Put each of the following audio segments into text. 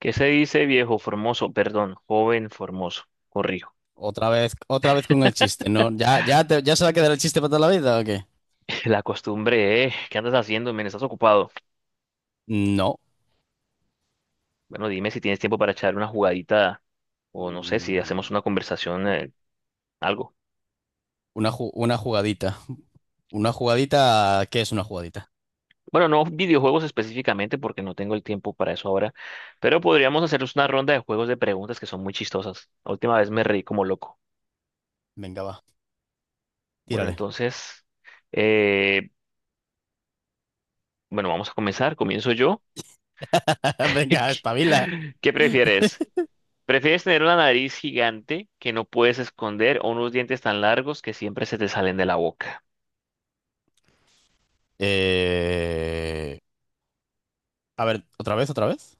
¿Qué se dice, viejo formoso? Perdón, joven formoso. Corrijo. Otra vez con el chiste, ¿no? ¿Ya se va a quedar el chiste para toda la vida o qué? La costumbre, ¿eh? ¿Qué andas haciendo, men? ¿Estás ocupado? No. Bueno, dime si tienes tiempo para echar una jugadita o no sé si hacemos Mm, una conversación, algo. una, una jugadita. Una jugadita. ¿Qué es una jugadita? Bueno, no videojuegos específicamente porque no tengo el tiempo para eso ahora, pero podríamos hacernos una ronda de juegos de preguntas que son muy chistosas. La última vez me reí como loco. Venga, va. Bueno, Tírale. entonces, eh, bueno, vamos a comenzar. Comienzo yo. Venga, ¿Qué espabila. qué prefieres? ¿Prefieres tener una nariz gigante que no puedes esconder o unos dientes tan largos que siempre se te salen de la boca? Eh, A ver, otra vez, otra vez.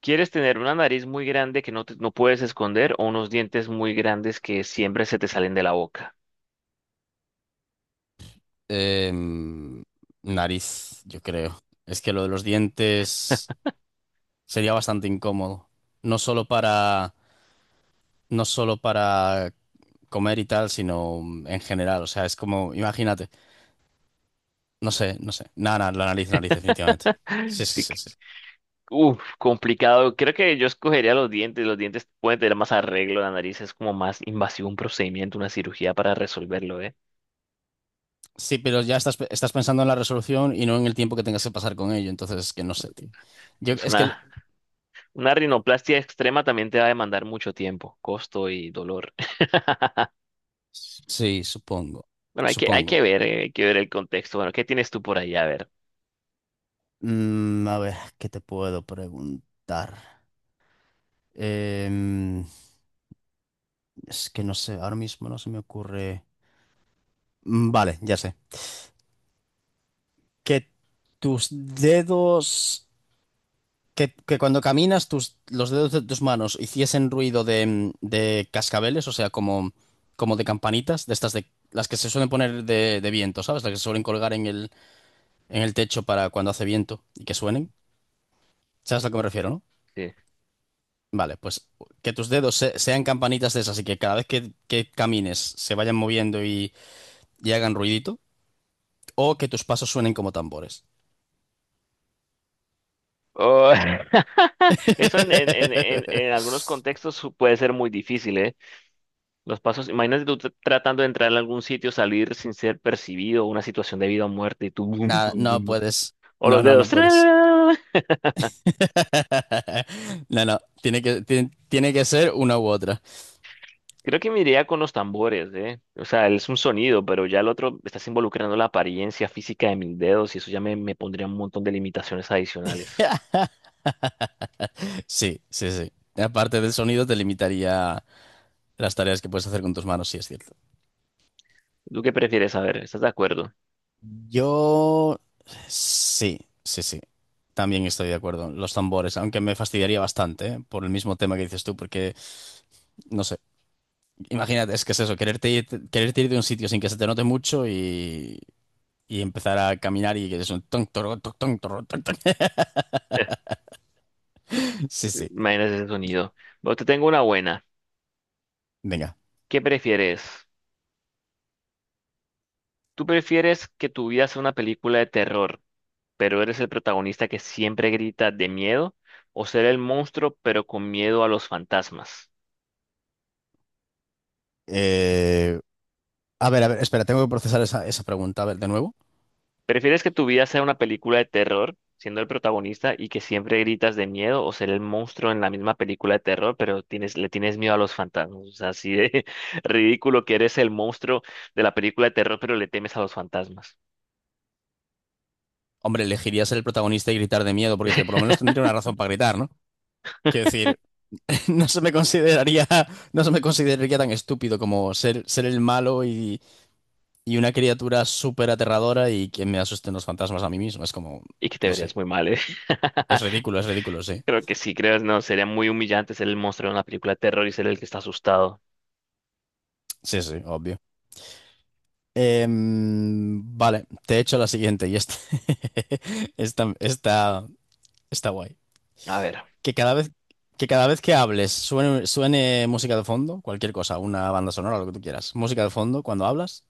¿Quieres tener una nariz muy grande que no, no puedes esconder o unos dientes muy grandes que siempre se te salen de la boca? Em, nariz, yo creo. Es que lo de los dientes sería bastante incómodo. No solo para. No solo para comer y tal, sino en general. O sea, es como. Imagínate. No sé, no sé. Nada, nada, la nariz, definitivamente. Sí, sí, Sí sí, que- sí. Uf, complicado. Creo que yo escogería los dientes. Los dientes pueden tener más arreglo. La nariz es como más invasivo un procedimiento, una cirugía para resolverlo, ¿eh? Sí, pero ya estás pensando en la resolución y no en el tiempo que tengas que pasar con ello. Entonces, es que no sé, tío. Yo, O sea, es que, una rinoplastia extrema también te va a demandar mucho tiempo, costo y dolor. sí, supongo. Bueno, Supongo. Hay que ver el contexto. Bueno, ¿qué tienes tú por ahí? A ver. Mm, a ver, ¿qué te puedo preguntar? Em, es que no sé, ahora mismo no se me ocurre. Mm, vale, ya sé. Que tus dedos que cuando caminas tus, los dedos de tus manos hiciesen ruido de cascabeles, o sea, como, como de campanitas, de estas de las que se suelen poner de viento, ¿sabes? Las que se suelen colgar en el techo para cuando hace viento y que suenen. ¿Sabes a lo que me refiero, no? Sí. Vale, pues que tus dedos sean campanitas de esas y que cada vez que camines se vayan moviendo y hagan ruidito, o que tus pasos suenen como tambores. Oh, eso en algunos contextos puede ser muy difícil, ¿eh? Los pasos, imagínate tú tratando de entrar en algún sitio, salir sin ser percibido, una situación de vida o muerte, y tú bum, Nada, bum, bum, no bum. puedes. O No, los no, dedos. no puedes. ¡Tra! No, no, tiene que ser una u otra. Creo que me iría con los tambores, ¿eh? O sea, es un sonido, pero ya el otro, estás involucrando la apariencia física de mis dedos y eso ya me pondría un montón de limitaciones adicionales. Sí, sí, sí. Aparte del sonido, te limitaría las tareas que puedes hacer con tus manos, sí, es cierto. ¿Tú qué prefieres saber? ¿Estás de acuerdo? Yo sí, sí, sí. También estoy de acuerdo. Los tambores, aunque me fastidiaría bastante, ¿eh? Por el mismo tema que dices tú, porque, no sé, imagínate, es que es eso, quererte ir de un sitio sin que se te note mucho y empezar a caminar y que es un ton, toro, ton, ton, toro, ton, ton. Sí, sí. Imagínate ese sonido. Bueno, te tengo una buena. Venga. ¿Qué prefieres? ¿Tú prefieres que tu vida sea una película de terror, pero eres el protagonista que siempre grita de miedo? ¿O ser el monstruo, pero con miedo a los fantasmas? Eh, A ver, a ver, espera, tengo que procesar esa pregunta. A ver, de nuevo. ¿Prefieres que tu vida sea una película de terror, siendo el protagonista y que siempre gritas de miedo? ¿O ser el monstruo en la misma película de terror, pero le tienes miedo a los fantasmas? O sea, así de ridículo que eres el monstruo de la película de terror, pero le temes a los fantasmas. Hombre, elegirías ser el protagonista y gritar de miedo, porque por lo menos tendría una razón para gritar, ¿no? Quiero decir, no se me consideraría, no se me consideraría tan estúpido como ser, ser el malo y una criatura súper aterradora y que me asusten los fantasmas a mí mismo. Es como, Y que te no sé. verías muy mal, ¿eh? Es ridículo, sí. Creo que sí, no, sería muy humillante ser el monstruo de una película de terror y ser el que está asustado. Sí, sí, obvio. Em, vale, te he hecho la siguiente y esta, esta, está guay. A ver, Que cada vez que hables suene música de fondo, cualquier cosa, una banda sonora, lo que tú quieras. Música de fondo cuando hablas.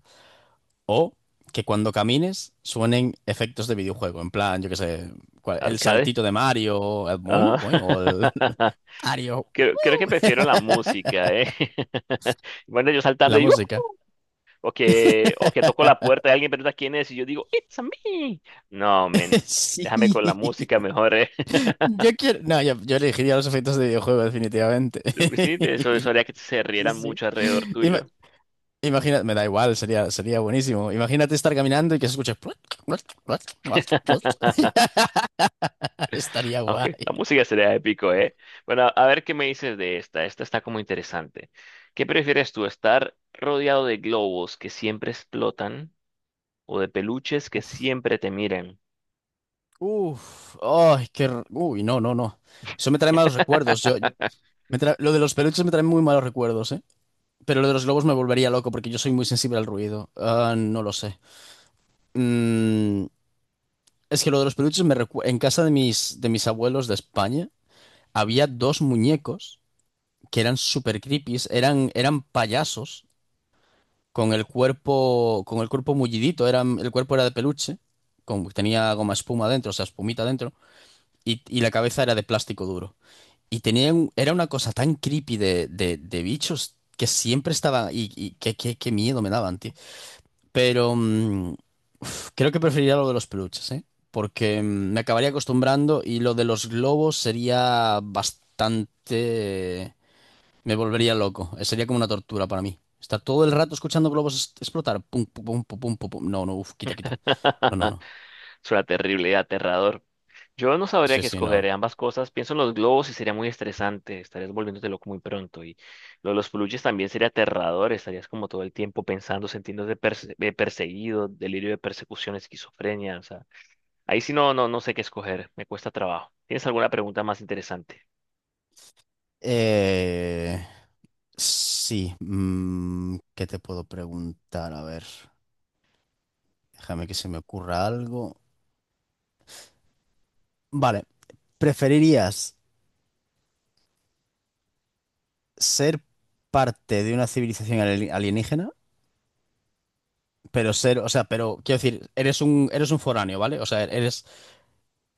O que cuando camines suenen efectos de videojuego. En plan, yo qué sé, el arcade. saltito de Mario, el boing Ah, boing o el Mario. Creo que ¡Uh! prefiero la música, ¿eh? Bueno, yo La saltando y ¡uh! música. O que toco la puerta y alguien pregunta quién es y yo digo, ¡It's a me! No, men, déjame Sí. con la música mejor, ¿eh? Yo quiero. No, yo elegiría los efectos de videojuego, definitivamente. Sí, eso haría que se Sí, rieran sí. mucho alrededor tuyo. Imagina, me da igual, sería buenísimo. Imagínate estar caminando y que se escuche. Estaría Aunque guay. la música sería épico, ¿eh? Bueno, a ver qué me dices de esta. Esta está como interesante. ¿Qué prefieres tú, estar rodeado de globos que siempre explotan o de peluches que siempre te miren? Uf, ay, qué. Uy, no, no, no. Eso me trae malos recuerdos. Yo, lo de los peluches me trae muy malos recuerdos, ¿eh? Pero lo de los globos me volvería loco porque yo soy muy sensible al ruido. Ah, no lo sé. Mm, es que lo de los peluches en casa de mis abuelos de España había dos muñecos que eran super creepies, eran, eran payasos con el cuerpo mullidito, era, el cuerpo era de peluche, con, tenía goma espuma dentro, o sea, espumita dentro, y la cabeza era de plástico duro. Y tenía era una cosa tan creepy de bichos que siempre estaban, y qué, qué miedo me daban, tío. Pero mm, uf, creo que preferiría lo de los peluches, ¿eh? Porque mm, me acabaría acostumbrando y lo de los globos sería bastante... Me volvería loco. Sería como una tortura para mí. Estar todo el rato escuchando globos explotar. Pum, pum, pum, pum, pum, pum, pum. No, no, uf, quita, quita. No, no, no. Suena terrible y aterrador. Yo no sabría Sí, qué sí, escoger, no. Ambas cosas. Pienso en los globos y sería muy estresante. Estarías volviéndote loco muy pronto. Y lo de los peluches también sería aterrador. Estarías como todo el tiempo pensando, sintiéndote perseguido, delirio de persecución, esquizofrenia. Ahí sí no, no, no sé qué escoger, me cuesta trabajo. ¿Tienes alguna pregunta más interesante? Eh, sí. Mm, ¿qué te puedo preguntar? A ver, déjame que se me ocurra algo. Vale, ¿preferirías ser parte de una civilización alienígena? Pero ser, o sea, pero quiero decir, eres un foráneo, ¿vale? O sea, eres.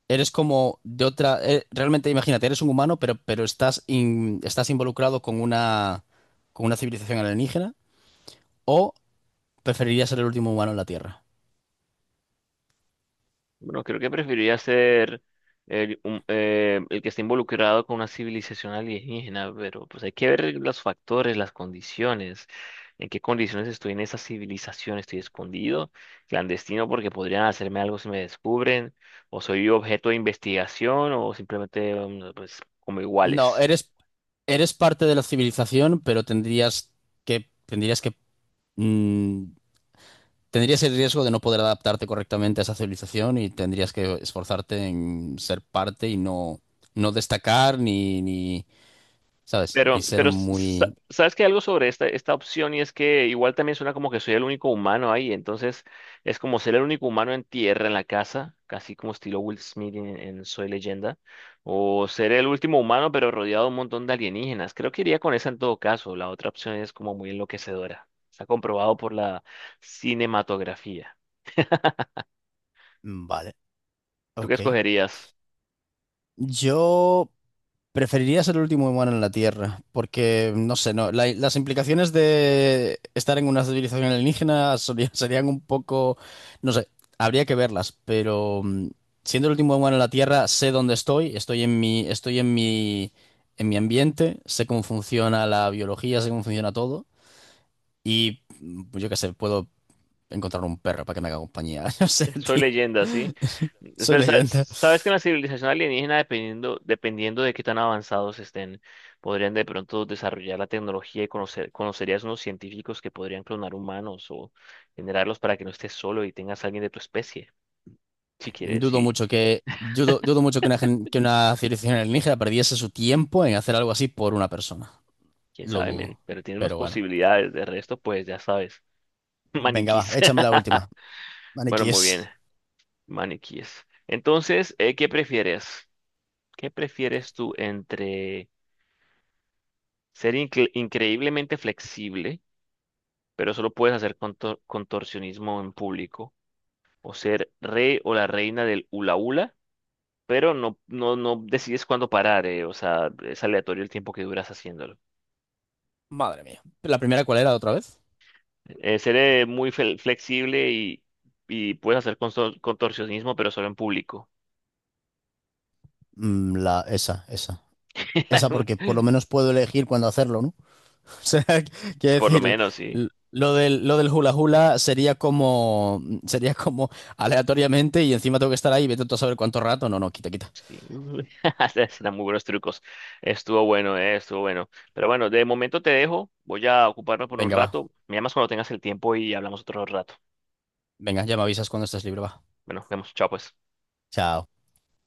Eres como de otra. Eh, realmente, imagínate, eres un humano, pero estás, estás involucrado con una civilización alienígena. ¿O preferirías ser el último humano en la Tierra? Bueno, creo que preferiría ser el que esté involucrado con una civilización alienígena, pero pues hay que ver los factores, las condiciones, en qué condiciones estoy en esa civilización, estoy escondido, clandestino porque podrían hacerme algo si me descubren, o soy objeto de investigación, o simplemente mm, pues como No, iguales. eres, eres parte de la civilización, pero tendrías que, mm, tendrías el riesgo de no poder adaptarte correctamente a esa civilización y tendrías que esforzarte en ser parte y no, no destacar ni, ni, ¿sabes? Ni ser Pero muy... sabes que algo sobre esta, esta opción y es que igual también suena como que soy el único humano ahí, entonces es como ser el único humano en tierra, en la casa, casi como estilo Will Smith en Soy Leyenda, o ser el último humano pero rodeado de un montón de alienígenas. Creo que iría con esa en todo caso, la otra opción es como muy enloquecedora, está comprobado por la cinematografía. Vale, ¿Tú qué ok. escogerías? Yo. Preferiría ser el último humano en la Tierra, porque, no sé, no, las implicaciones de estar en una civilización alienígena serían un poco, no sé, habría que verlas, pero mm, siendo el último humano en la Tierra, sé dónde estoy, en mi ambiente, sé cómo funciona la biología, sé cómo funciona todo, y mm, yo qué sé, puedo encontrar un perro para que me haga compañía, no sé, Soy tío, leyenda, ¿sí? soy Pero leyenda. sabes que en la civilización alienígena, dependiendo, dependiendo de qué tan avanzados estén, podrían de pronto desarrollar la tecnología y conocerías unos científicos que podrían clonar humanos o generarlos para que no estés solo y tengas a alguien de tu especie, si quieres, Dudo sí, mucho que, yo du- dudo mucho que una, que una civilización alienígena perdiese su tiempo en hacer algo así por una persona. quién Lo sabe, men, dudo. pero tienes más Pero bueno. posibilidades. De resto, pues ya sabes, Venga, va, maniquís. échame la última. Bueno, muy bien, Maniquíes. maniquíes. Entonces, ¿qué prefieres? ¿Qué prefieres tú entre ser increíblemente flexible, pero solo puedes hacer contorsionismo en público? ¿O ser rey o la reina del hula hula, pero no decides cuándo parar? O sea, es aleatorio el tiempo que duras haciéndolo. Madre mía. ¿La primera cuál era otra vez? Ser muy flexible y puedes hacer contorsionismo, pero solo en público. Mm, la, esa, esa. Esa porque por lo menos puedo elegir cuándo hacerlo, ¿no? O sea, quiero Por lo decir, menos, sí. Lo del hula hula sería como aleatoriamente y encima tengo que estar ahí, y vete tú a saber cuánto rato. No, no, quita, quita. Sí, uy, se dan muy buenos trucos. Estuvo bueno, estuvo bueno. Pero bueno, de momento te dejo. Voy a ocuparme por un Venga, va. rato. Me llamas cuando tengas el tiempo y hablamos otro rato. Venga, ya me avisas cuando estés libre, va. Bueno, vemos. Chao, pues. Chao.